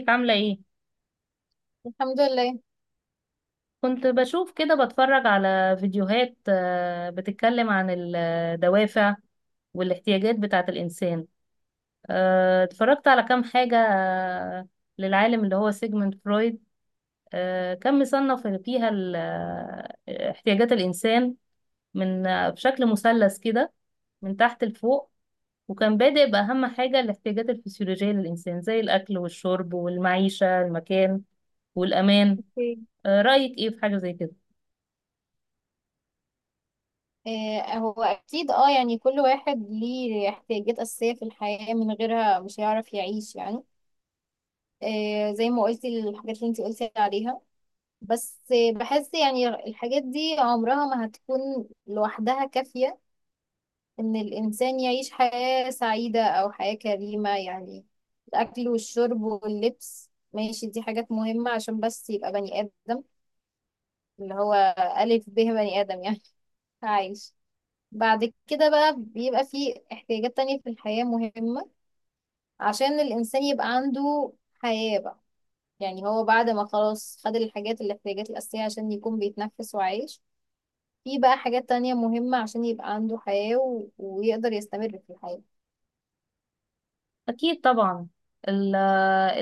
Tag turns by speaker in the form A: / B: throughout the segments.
A: ازيك عاملة ايه؟
B: الحمد لله.
A: كنت بشوف كده بتفرج على فيديوهات بتتكلم عن الدوافع والاحتياجات بتاعة الإنسان. اتفرجت على كام حاجة للعالم اللي هو سيجموند فرويد. كان مصنف فيها احتياجات الإنسان من، بشكل مثلث كده من تحت لفوق، وكان بادئ بأهم حاجة الاحتياجات الفسيولوجية للإنسان زي الأكل والشرب والمعيشة المكان والأمان.
B: اوكي.
A: رأيك ايه في حاجة زي كده؟
B: هو اكيد يعني كل واحد ليه احتياجات اساسيه في الحياه، من غيرها مش هيعرف يعيش يعني. زي ما قلتي الحاجات اللي انت قلتي عليها. بس بحس يعني الحاجات دي عمرها ما هتكون لوحدها كافيه ان الانسان يعيش حياه سعيده او حياه كريمه يعني. الاكل والشرب واللبس ماشي، دي حاجات مهمه عشان بس يبقى بني ادم، اللي هو الف ب بني ادم يعني. عايش. بعد كده بقى بيبقى فيه احتياجات تانية في الحياة مهمة عشان الإنسان يبقى عنده حياة بقى. يعني هو بعد ما خلاص خد الاحتياجات الأساسية عشان يكون بيتنفس وعايش، في بقى حاجات تانية مهمة عشان يبقى عنده حياة ويقدر يستمر في الحياة.
A: أكيد طبعا. ال-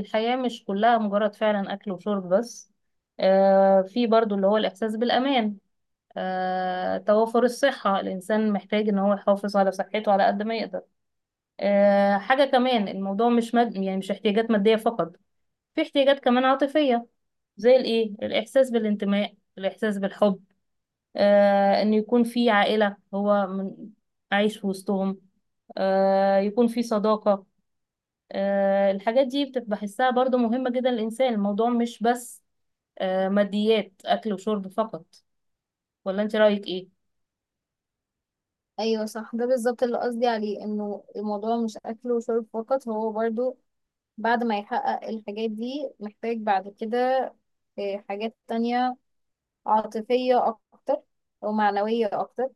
A: الحياة مش كلها مجرد فعلا أكل وشرب بس. في برضو اللي هو الإحساس بالأمان، توافر الصحة، الإنسان محتاج إن هو يحافظ على صحته على قد ما يقدر. حاجة كمان، الموضوع مش يعني مش احتياجات مادية فقط، في احتياجات كمان عاطفية زي الإيه، الإحساس بالانتماء، الإحساس بالحب. إنه يكون في عائلة عايش في وسطهم، يكون في صداقة. الحاجات دي بتبقى بحسها برضو مهمة جدا للإنسان، الموضوع مش بس ماديات أكل وشرب فقط. ولا أنت رأيك إيه؟
B: أيوة صح، ده بالظبط اللي قصدي عليه، إنه الموضوع مش أكل وشرب فقط. هو برضو بعد ما يحقق الحاجات دي محتاج بعد كده حاجات تانية عاطفية أكتر أو معنوية أكتر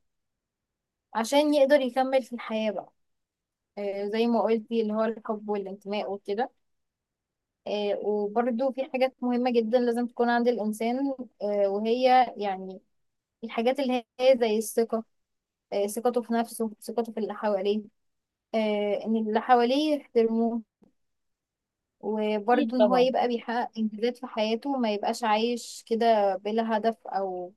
B: عشان يقدر يكمل في الحياة بقى. زي ما قلتي اللي هو الحب والانتماء وكده. وبرده في حاجات مهمة جدا لازم تكون عند الإنسان، وهي يعني الحاجات اللي هي زي الثقة. ثقته في نفسه، ثقته في اللي حواليه، إن اللي حواليه يحترموه.
A: أكيد
B: وبرده إن هو
A: طبعا.
B: يبقى بيحقق إنجازات في حياته، ما يبقاش عايش كده بلا هدف، أو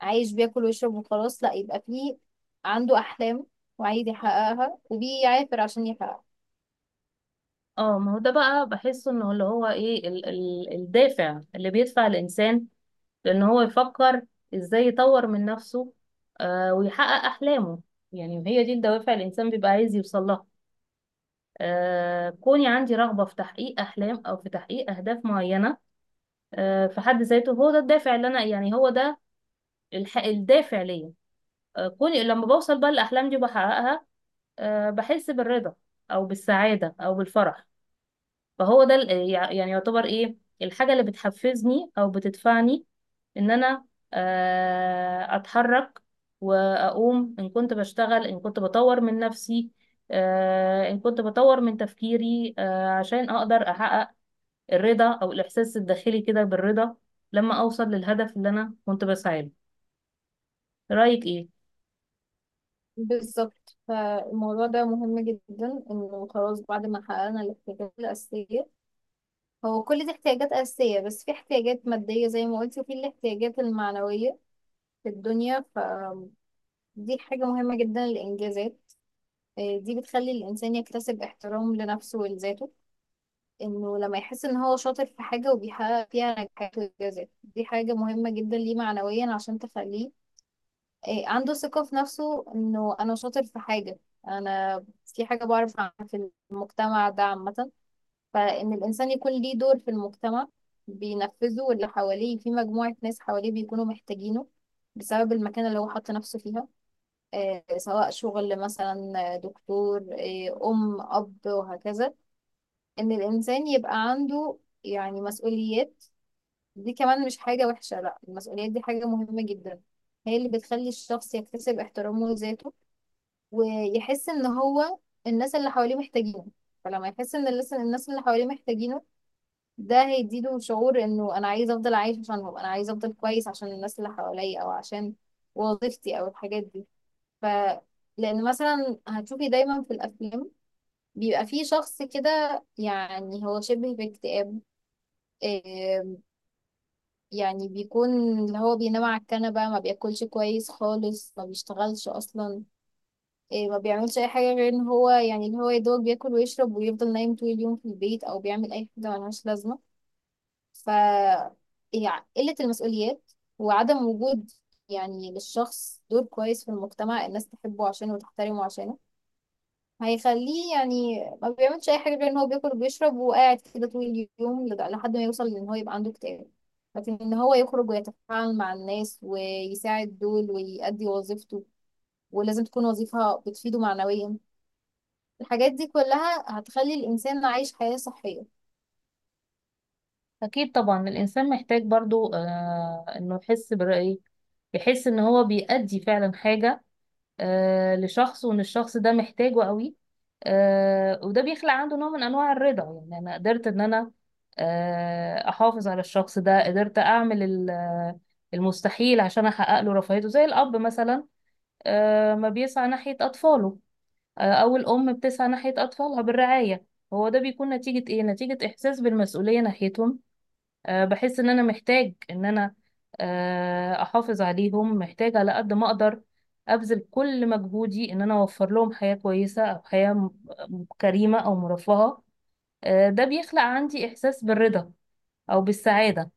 B: عايش بياكل ويشرب وخلاص. لا، يبقى فيه عنده أحلام وعايز يحققها وبيعافر عشان يحققها.
A: اه ما هو ده بقى بحسه انه اللي هو ايه ال الدافع اللي بيدفع الانسان لان هو يفكر ازاي يطور من نفسه، ويحقق احلامه. يعني هي دي الدوافع اللي الانسان بيبقى عايز يوصل لها. كوني عندي رغبة في تحقيق احلام او في تحقيق اهداف معينة، في حد ذاته هو ده الدافع اللي انا، يعني هو ده الدافع ليا. كوني لما بوصل بقى الأحلام دي وبحققها، بحس بالرضا أو بالسعادة أو بالفرح. فهو ده يعني يعتبر إيه الحاجة اللي بتحفزني أو بتدفعني إن أنا أتحرك وأقوم، إن كنت بشتغل، إن كنت بطور من نفسي، إن كنت بطور من تفكيري، عشان أقدر أحقق الرضا أو الإحساس الداخلي كده بالرضا لما أوصل للهدف اللي أنا كنت بسعى له. رأيك إيه؟
B: بالظبط، فالموضوع ده مهم جدا، انه خلاص بعد ما حققنا الاحتياجات الأساسية. هو كل دي احتياجات أساسية، بس في احتياجات مادية زي ما قلت وفي الاحتياجات المعنوية في الدنيا. فدي حاجة مهمة جدا، الإنجازات. إيه، دي بتخلي الإنسان يكتسب احترام لنفسه ولذاته. إنه لما يحس إن هو شاطر في حاجة وبيحقق فيها نجاحات وإنجازات، دي حاجة مهمة جدا ليه معنويا عشان تخليه إيه، عنده ثقة في نفسه، انه انا شاطر في حاجة، انا في حاجة بعرف اعملها في المجتمع ده عامة. فان الانسان يكون ليه دور في المجتمع بينفذه، واللي حواليه في مجموعة ناس حواليه بيكونوا محتاجينه بسبب المكان اللي هو حط نفسه فيها. إيه، سواء شغل مثلا دكتور، إيه، ام، اب، وهكذا. ان الانسان يبقى عنده يعني مسؤوليات. دي كمان مش حاجة وحشة، لا، المسؤوليات دي حاجة مهمة جدا. هي اللي بتخلي الشخص يكتسب احترامه لذاته ويحس ان هو الناس اللي حواليه محتاجينه. فلما يحس ان الناس اللي حواليه محتاجينه، ده هيديله شعور انه انا عايز افضل عايش عشانهم، انا عايز افضل كويس عشان الناس اللي حواليا او عشان وظيفتي او الحاجات دي. ف لان مثلا هتشوفي دايما في الافلام بيبقى في شخص كده يعني هو شبه باكتئاب. آم، يعني بيكون اللي هو بينام على الكنبة، ما بياكلش كويس خالص، ما بيشتغلش اصلا، إيه، ما بيعملش اي حاجه غير ان هو يعني اللي هو يدوق، بياكل ويشرب ويفضل نايم طول اليوم في البيت، او بيعمل اي حاجه ملهاش لازمه. ف يعني قله المسؤوليات وعدم وجود يعني للشخص دور كويس في المجتمع الناس تحبه عشانه وتحترمه عشانه، هيخليه يعني ما بيعملش اي حاجه غير ان هو بياكل وبيشرب وقاعد كده طول اليوم لحد ما يوصل لان هو يبقى عنده اكتئاب. لكن ان هو يخرج ويتفاعل مع الناس ويساعد دول ويأدي وظيفته، ولازم تكون وظيفة بتفيده معنويا، الحاجات دي كلها هتخلي الإنسان عايش حياة صحية.
A: أكيد طبعا. الإنسان محتاج برضو إنه يحس برأيه، يحس إن هو بيأدي فعلا حاجة لشخص، وإن الشخص ده محتاجه قوي. وده بيخلق عنده نوع من أنواع الرضا. يعني أنا قدرت إن أنا أحافظ على الشخص ده، قدرت أعمل المستحيل عشان أحقق له رفاهيته، زي الأب مثلا ما بيسعى ناحية أطفاله، أو الأم بتسعى ناحية أطفالها بالرعاية. هو ده بيكون نتيجة إيه؟ نتيجة إحساس بالمسؤولية ناحيتهم. بحس ان انا محتاج ان انا احافظ عليهم، محتاج على قد ما اقدر ابذل كل مجهودي ان انا اوفر لهم حياة كويسة، او حياة كريمة او مرفهة. ده بيخلق عندي احساس بالرضا او بالسعادة.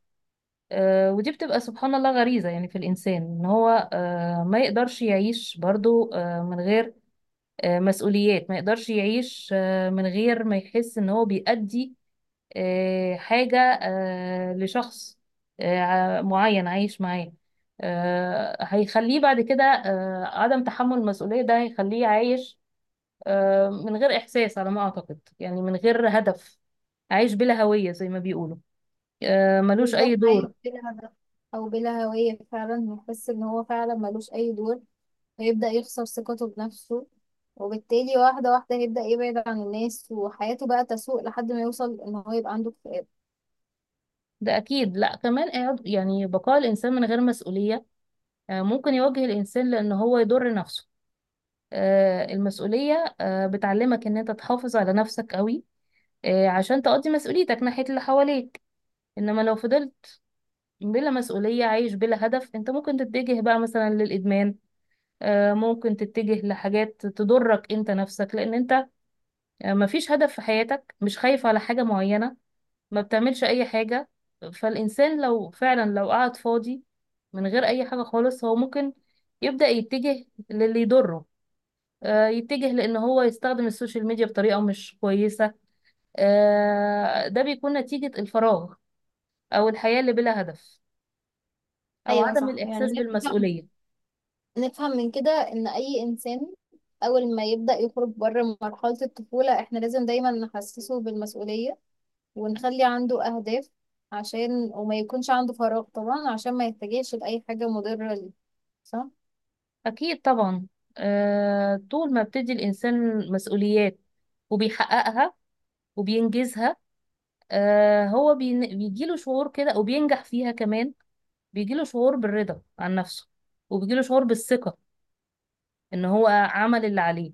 A: ودي بتبقى سبحان الله غريزة يعني في الانسان، ان هو ما يقدرش يعيش برضو من غير مسؤوليات، ما يقدرش يعيش من غير ما يحس ان هو بيأدي حاجة لشخص معين عايش معاه. هيخليه بعد كده، آه، عدم تحمل المسؤولية ده هيخليه عايش من غير إحساس، على ما أعتقد يعني، من غير هدف، عايش بلا هوية زي ما بيقولوا، ملوش أي
B: بالظبط، عايش
A: دور.
B: بلا هدف أو بلا هوية فعلا، هيحس إن هو فعلا ملوش أي دور، هيبدأ يخسر ثقته بنفسه، وبالتالي واحدة واحدة هيبدأ يبعد عن الناس وحياته بقى تسوء لحد ما يوصل إن هو يبقى عنده اكتئاب.
A: ده أكيد. لأ كمان، يعني بقاء الإنسان من غير مسؤولية ممكن يواجه الإنسان لأن هو يضر نفسه. المسؤولية بتعلمك إن أنت تحافظ على نفسك قوي عشان تقضي مسؤوليتك ناحية اللي حواليك. انما لو فضلت بلا مسؤولية، عايش بلا هدف، انت ممكن تتجه بقى مثلا للإدمان. ممكن تتجه لحاجات تضرك انت نفسك، لان انت مفيش هدف في حياتك، مش خايف على حاجة معينة، ما بتعملش اي حاجة. فالإنسان لو فعلا لو قعد فاضي من غير اي حاجة خالص، هو ممكن يبدأ يتجه للي يضره. يتجه لان هو يستخدم السوشيال ميديا بطريقة مش كويسة. ده بيكون نتيجة الفراغ او الحياة اللي بلا هدف أو
B: أيوة
A: عدم
B: صح. يعني
A: الإحساس
B: نفهم
A: بالمسؤولية.
B: نفهم من كده إن أي إنسان أول ما يبدأ يخرج بره مرحلة الطفولة إحنا لازم دايما نحسسه بالمسؤولية ونخلي عنده أهداف عشان وما يكونش عنده فراغ طبعا، عشان ما يتجهش لأي حاجة مضرة ليه. صح؟
A: أكيد طبعا. طول ما بتدي الإنسان مسؤوليات وبيحققها وبينجزها هو بيجيله شعور كده، وبينجح فيها كمان، بيجيله شعور بالرضا عن نفسه، وبيجيله شعور بالثقة إن هو عمل اللي عليه.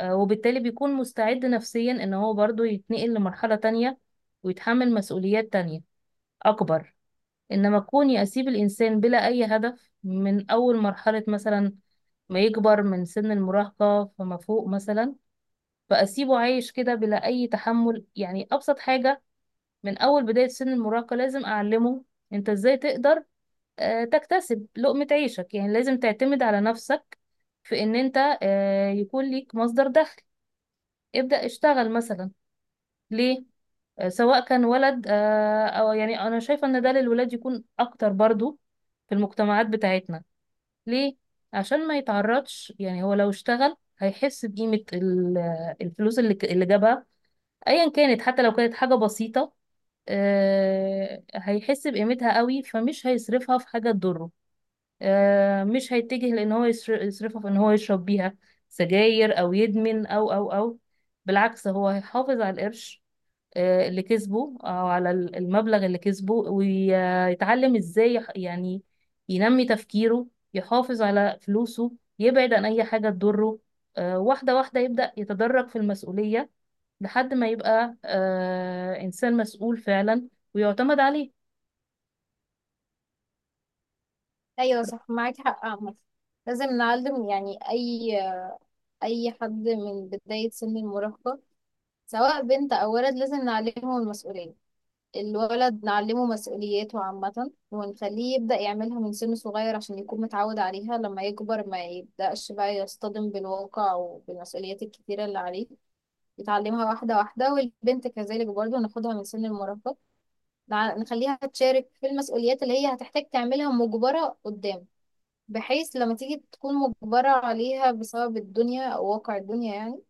A: وبالتالي بيكون مستعد نفسيا إن هو برضه يتنقل لمرحلة تانية ويتحمل مسؤوليات تانية أكبر. إنما كوني أسيب الإنسان بلا أي هدف من أول مرحلة، مثلا ما يكبر من سن المراهقة فما فوق مثلا، فأسيبه عايش كده بلا أي تحمل، يعني أبسط حاجة من أول بداية سن المراهقة لازم أعلمه أنت إزاي تقدر تكتسب لقمة عيشك، يعني لازم تعتمد على نفسك في إن أنت يكون ليك مصدر دخل، ابدأ اشتغل مثلا. ليه؟ سواء كان ولد أو يعني أنا شايفة إن ده للولاد يكون أكتر برضو في المجتمعات بتاعتنا. ليه؟ عشان ما يتعرضش، يعني هو لو اشتغل هيحس بقيمة الفلوس اللي جابها ايا كانت، حتى لو كانت حاجة بسيطة هيحس بقيمتها قوي، فمش هيصرفها في حاجة تضره. مش هيتجه لان هو يصرفها في ان هو يشرب بيها سجاير او يدمن او بالعكس، هو هيحافظ على القرش اللي كسبه، او على المبلغ اللي كسبه، ويتعلم ازاي يعني ينمي تفكيره، يحافظ على فلوسه، يبعد عن اي حاجة تضره. واحدة واحدة يبدأ يتدرج في المسؤولية لحد ما يبقى انسان مسؤول فعلا ويعتمد عليه.
B: أيوة صح، معاك حق عامة. لازم نعلم يعني أي حد من بداية سن المراهقة، سواء بنت أو ولد، لازم نعلمه المسؤولية. الولد نعلمه مسؤولياته عامة ونخليه يبدأ يعملها من سن صغير عشان يكون متعود عليها لما يكبر، ما يبدأش بقى يصطدم بالواقع وبالمسؤوليات الكتيرة اللي عليه، نتعلمها واحدة واحدة. والبنت كذلك برضو، ناخدها من سن المراهقة، نخليها تشارك في المسؤوليات اللي هي هتحتاج تعملها مجبرة قدام، بحيث لما تيجي تكون مجبرة عليها بسبب الدنيا أو واقع الدنيا يعني،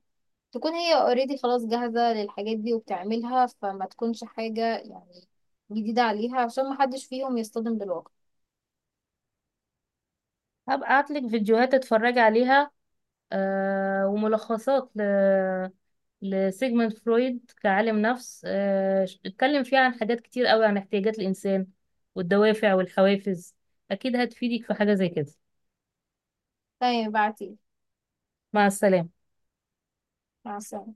B: تكون هي اوريدي خلاص جاهزة للحاجات دي وبتعملها، فما تكونش حاجة يعني جديدة عليها، عشان محدش فيهم يصطدم بالواقع.
A: هبقى ابعتلك فيديوهات تتفرجي عليها وملخصات لسيجموند فرويد كعالم نفس، اتكلم فيها عن حاجات كتير قوي عن احتياجات الإنسان والدوافع والحوافز. أكيد هتفيدك في حاجة زي كده.
B: تمام، بعتيلي.
A: مع السلامة.
B: مع السلامة.